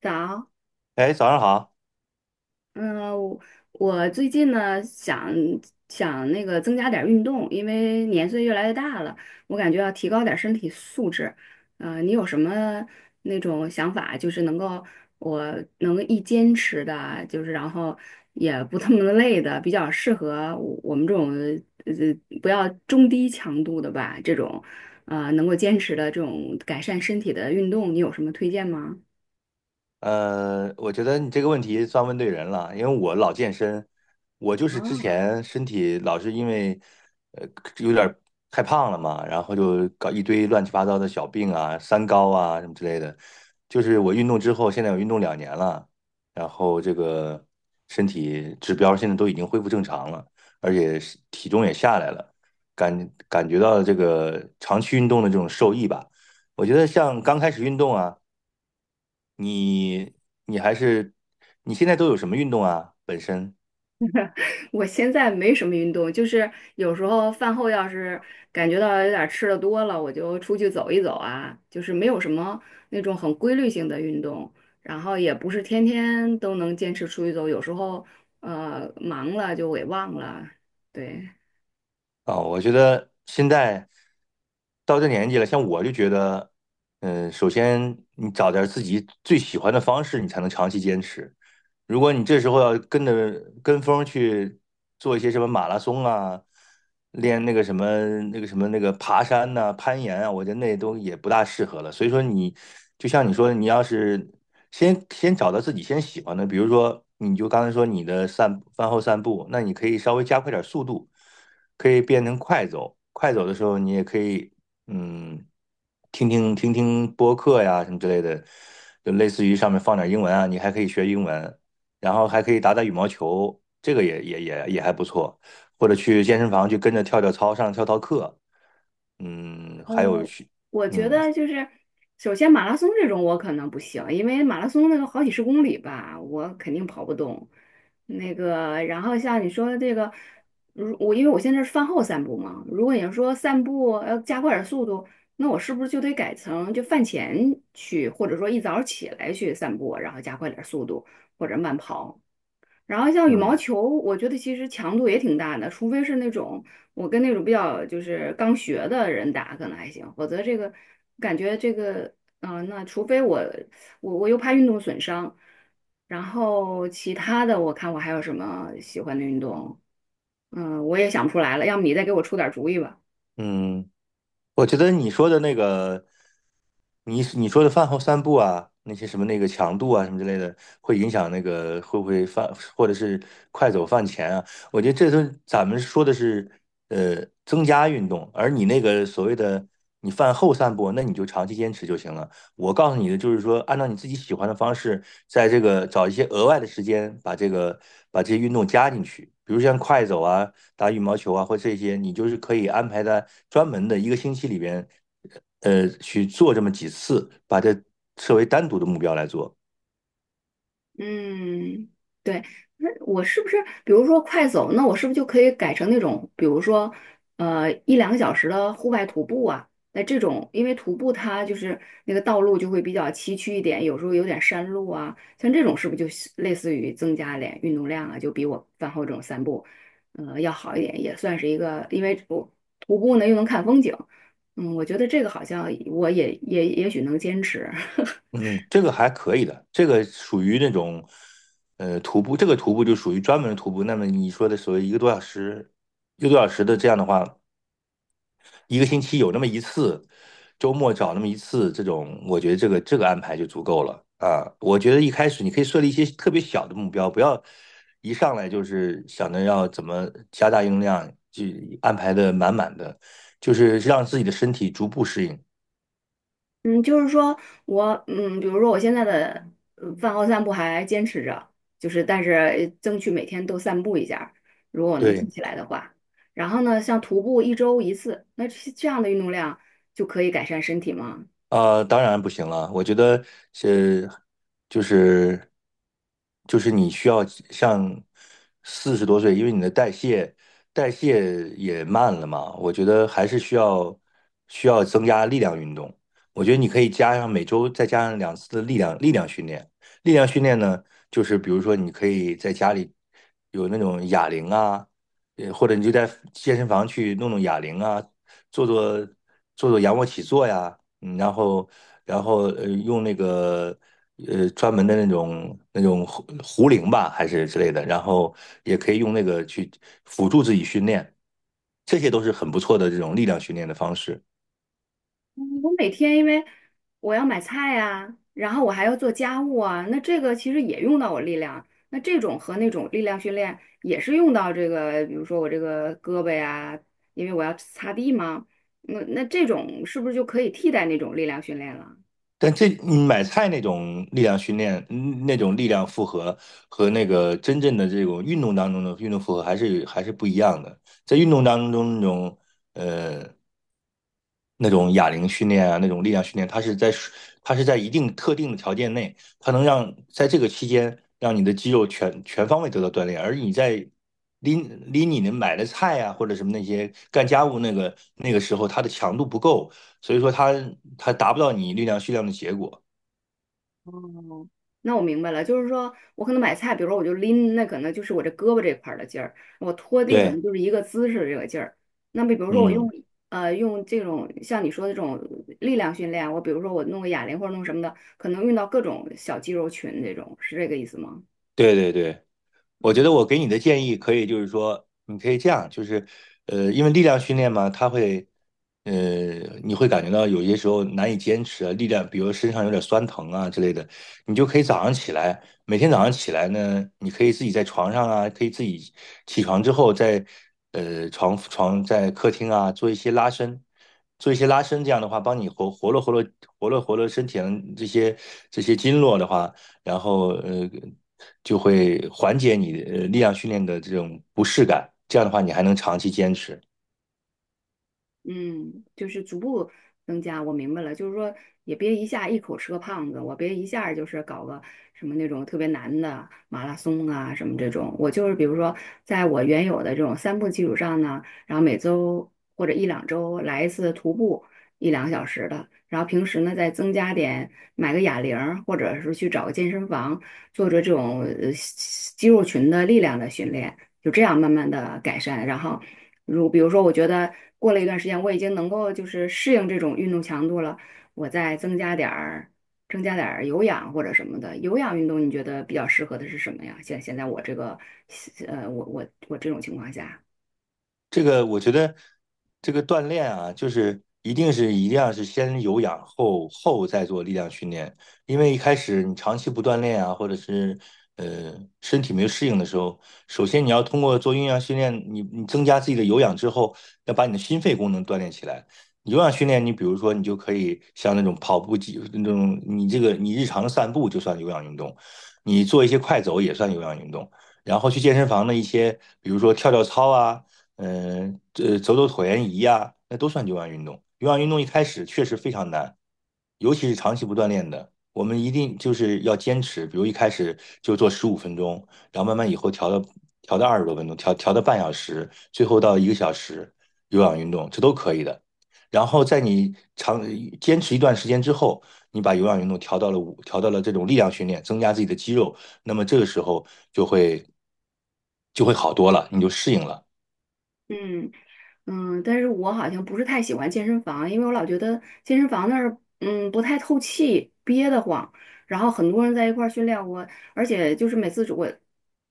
早，哎，早上好。嗯，我最近呢想那个增加点儿运动，因为年岁越来越大了，我感觉要提高点儿身体素质。你有什么那种想法，就是能够我能一坚持的，就是然后也不那么累的，比较适合我们这种呃不要中低强度的吧，这种能够坚持的这种改善身体的运动，你有什么推荐吗？我觉得你这个问题算问对人了，因为我老健身，我就是之啊。前身体老是因为呃有点儿太胖了嘛，然后就搞一堆乱七八糟的小病啊、三高啊什么之类的。就是我运动之后，现在我运动2年了，然后这个身体指标现在都已经恢复正常了，而且是体重也下来了，感觉到这个长期运动的这种受益吧。我觉得像刚开始运动啊。你你还是你现在都有什么运动啊？本身？我现在没什么运动，就是有时候饭后要是感觉到有点儿吃的多了，我就出去走一走啊，就是没有什么那种很规律性的运动，然后也不是天天都能坚持出去走，有时候忙了就给忘了，对。啊，我觉得现在到这年纪了，像我就觉得，首先你找点儿自己最喜欢的方式，你才能长期坚持。如果你这时候要跟着跟风儿去做一些什么马拉松啊，练那个什么那个什么那个爬山呐、攀岩啊，我觉得那都也不大适合了。所以说你就像你说的，你要是先找到自己先喜欢的，比如说你就刚才说你的饭后散步，那你可以稍微加快点儿速度。可以变成快走。快走的时候，你也可以，嗯，听听播客呀什么之类的，就类似于上面放点英文啊，你还可以学英文，然后还可以打打羽毛球，这个也还不错。或者去健身房去跟着跳跳操，上跳操课，还有去，我觉嗯得就是，首先马拉松这种我可能不行，因为马拉松那个好几十公里吧，我肯定跑不动。那个，然后像你说的这个，如我因为我现在是饭后散步嘛，如果你说散步要加快点速度，那我是不是就得改成就饭前去，或者说一早起来去散步，然后加快点速度或者慢跑？然后像羽毛嗯球，我觉得其实强度也挺大的，除非是那种我跟那种比较就是刚学的人打可能还行，否则这个感觉这个那除非我又怕运动损伤，然后其他的我看我还有什么喜欢的运动，我也想不出来了，要么你再给我出点主意吧。嗯。我觉得你说的那个，你说的饭后散步啊，那些什么那个强度啊什么之类的，会影响那个会不会饭或者是快走饭前啊？我觉得这都咱们说的是增加运动，而你那个所谓的你饭后散步，那你就长期坚持就行了。我告诉你的就是说，按照你自己喜欢的方式，在这个找一些额外的时间把这些运动加进去，比如像快走啊，打羽毛球啊，或这些，你就是可以安排在专门的一个星期里边，去做这么几次，把它设为单独的目标来做。嗯，对，那我是不是，比如说快走，那我是不是就可以改成那种，比如说，一两个小时的户外徒步啊？那这种，因为徒步它就是那个道路就会比较崎岖一点，有时候有点山路啊，像这种是不是就是类似于增加点运动量啊？就比我饭后这种散步，要好一点，也算是一个，因为我徒步呢又能看风景，嗯，我觉得这个好像我也许能坚持。嗯，这个还可以的，这个属于那种，徒步，这个徒步就属于专门的徒步。那么你说的所谓一个多小时的这样的话，一个星期有那么一次，周末找那么一次，这种我觉得这个安排就足够了啊。我觉得一开始你可以设立一些特别小的目标，不要一上来就是想着要怎么加大运动量，就安排的满满的，就是让自己的身体逐步适应。嗯，就是说我，比如说我现在的饭后散步还坚持着，就是但是争取每天都散步一下儿如果我能记对，起来的话。然后呢，像徒步一周一次，那这样的运动量就可以改善身体吗？当然不行了。我觉得是，就是就是你需要像40多岁，因为你的代谢也慢了嘛，我觉得还是需要增加力量运动。我觉得你可以加上每周再加上2次的力量训练。力量训练呢，就是比如说你可以在家里有那种哑铃啊，或者你就在健身房去弄弄哑铃啊，做做做做仰卧起坐呀，然后用那个专门的那种壶铃吧，还是之类的，然后也可以用那个去辅助自己训练，这些都是很不错的这种力量训练的方式。嗯我每天因为我要买菜呀、然后我还要做家务啊，那这个其实也用到我力量。那这种和那种力量训练也是用到这个，比如说我这个胳膊呀，因为我要擦地嘛。那这种是不是就可以替代那种力量训练了？但这买菜那种力量训练，那种力量负荷和那个真正的这种运动当中的运动负荷还是不一样的。在运动当中呃那种哑铃训练啊，那种力量训练，它是在一定特定的条件内，它能让在这个期间让你的肌肉全方位得到锻炼，而你在拎拎你的买的菜啊或者什么那些干家务那个时候，它的强度不够，所以说它达不到你力量训练的结果。那我明白了，就是说我可能买菜，比如说我就拎，那可能就是我这胳膊这块儿的劲儿；我拖地可对，能就是一个姿势这个劲儿。那么比如说我用嗯，用这种像你说的这种力量训练啊，我比如说我弄个哑铃或者弄什么的，可能用到各种小肌肉群这种，是这个意思吗？对对对。我觉得啊、我给你的建议可以，就是说，你可以这样，就是，因为力量训练嘛，它会，呃，你会感觉到有些时候难以坚持啊，力量，比如身上有点酸疼啊之类的，你就可以早上起来，每天早上起来呢，你可以自己在床上啊，可以自己起床之后在，呃，床床在客厅啊做一些拉伸，这样的话，帮你活络活络身体上这些经络的话。然后就会缓解你力量训练的这种不适感。这样的话，你还能长期坚持。嗯，就是逐步增加，我明白了，就是说也别一下一口吃个胖子，我别一下儿就是搞个什么那种特别难的马拉松啊什么这种，我就是比如说在我原有的这种散步基础上呢，然后每周或者一两周来一次徒步一两个小时的，然后平时呢再增加点买个哑铃儿或者是去找个健身房做做这种肌肉群的力量的训练，就这样慢慢的改善，然后。比如说，我觉得过了一段时间，我已经能够就是适应这种运动强度了，我再增加点儿有氧或者什么的。有氧运动你觉得比较适合的是什么呀？现在我这个，我这种情况下。这个我觉得，这个锻炼啊，就是一定要是先有氧后再做力量训练，因为一开始你长期不锻炼啊，或者是呃身体没有适应的时候，首先你要通过做有氧训练，你增加自己的有氧之后，要把你的心肺功能锻炼起来。有氧训练，你比如说你就可以像那种跑步机那种，你这个你日常的散步就算有氧运动，你做一些快走也算有氧运动，然后去健身房的一些，比如说跳跳操啊。这走走椭圆仪呀、那都算有氧运动。有氧运动一开始确实非常难，尤其是长期不锻炼的，我们一定就是要坚持。比如一开始就做15分钟，然后慢慢以后调到20多分钟，调到半小时，最后到一个小时有氧运动，这都可以的。然后在你坚持一段时间之后，你把有氧运动调到了这种力量训练，增加自己的肌肉，那么这个时候就会就会好多了，你就适应了。嗯嗯，但是我好像不是太喜欢健身房，因为我老觉得健身房那儿不太透气，憋得慌。然后很多人在一块儿训练我，而且就是每次我，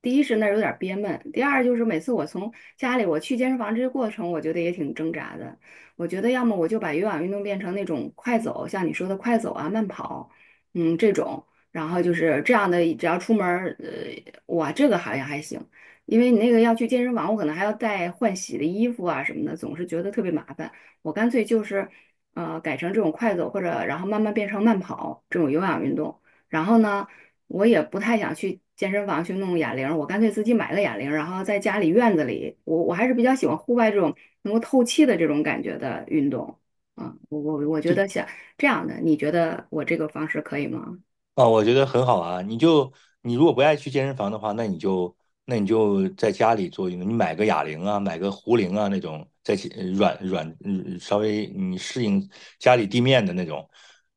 第一是那儿有点儿憋闷，第二就是每次我从家里我去健身房这个过程，我觉得也挺挣扎的。我觉得要么我就把有氧运动变成那种快走，像你说的快走啊、慢跑，这种，然后就是这样的，只要出门儿，哇，这个好像还行。因为你那个要去健身房，我可能还要带换洗的衣服啊什么的，总是觉得特别麻烦。我干脆就是，改成这种快走或者然后慢慢变成慢跑这种有氧运动。然后呢，我也不太想去健身房去弄哑铃，我干脆自己买了哑铃，然后在家里院子里，我还是比较喜欢户外这种能够透气的这种感觉的运动。啊，我觉得想这样的，你觉得我这个方式可以吗？啊，我觉得很好啊。你如果不爱去健身房的话，那你就在家里做运动，你买个哑铃啊，买个壶铃啊那种，在其，软软嗯稍微你适应家里地面的那种，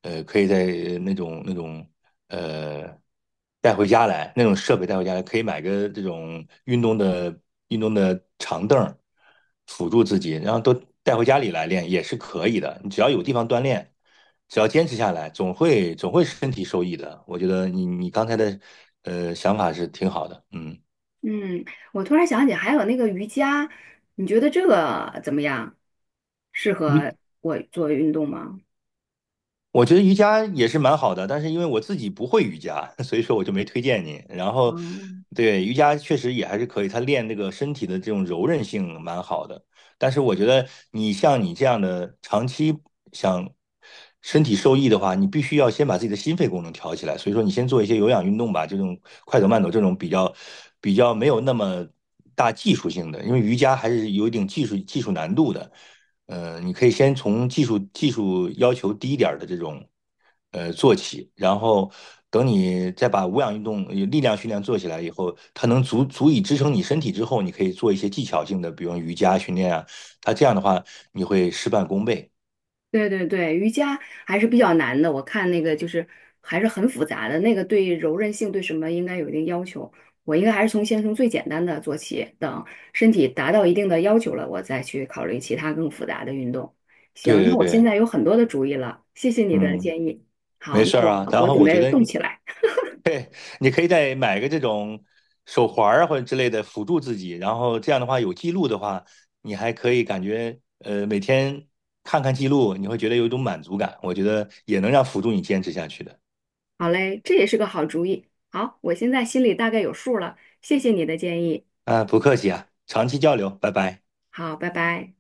可以在呃那种那种呃带回家来，那种设备带回家来，可以买个这种运动的长凳儿辅助自己，然后都带回家里来练也是可以的。你只要有地方锻炼。只要坚持下来，总会身体受益的。我觉得你刚才的想法是挺好的，嗯。嗯，我突然想起还有那个瑜伽，你觉得这个怎么样？适合我做运动吗？我觉得瑜伽也是蛮好的，但是因为我自己不会瑜伽，所以说我就没推荐你。然后，哦，对，瑜伽确实也还是可以，它练那个身体的这种柔韧性蛮好的。但是我觉得你像你这样的长期想身体受益的话，你必须要先把自己的心肺功能调起来。所以说，你先做一些有氧运动吧，这种快走慢走这种比较没有那么大技术性的，因为瑜伽还是有一定技术难度的。你可以先从技术要求低一点儿的这种做起，然后等你再把无氧运动、力量训练做起来以后，它能足以支撑你身体之后，你可以做一些技巧性的，比如瑜伽训练啊，它这样的话你会事半功倍。对对对，瑜伽还是比较难的，我看那个就是还是很复杂的，那个对柔韧性对什么应该有一定要求。我应该还是从先从最简单的做起，等身体达到一定的要求了，我再去考虑其他更复杂的运动。行，对那对我现对，在有很多的主意了，谢谢你的嗯，建议。好，没那事儿我啊。然我后准我觉备得动起来。你可以再买个这种手环儿啊或者之类的辅助自己，然后这样的话有记录的话，你还可以感觉每天看看记录，你会觉得有一种满足感，我觉得也能让辅助你坚持下去的。好嘞，这也是个好主意。好，我现在心里大概有数了，谢谢你的建议。啊，不客气啊，长期交流，拜拜。好，拜拜。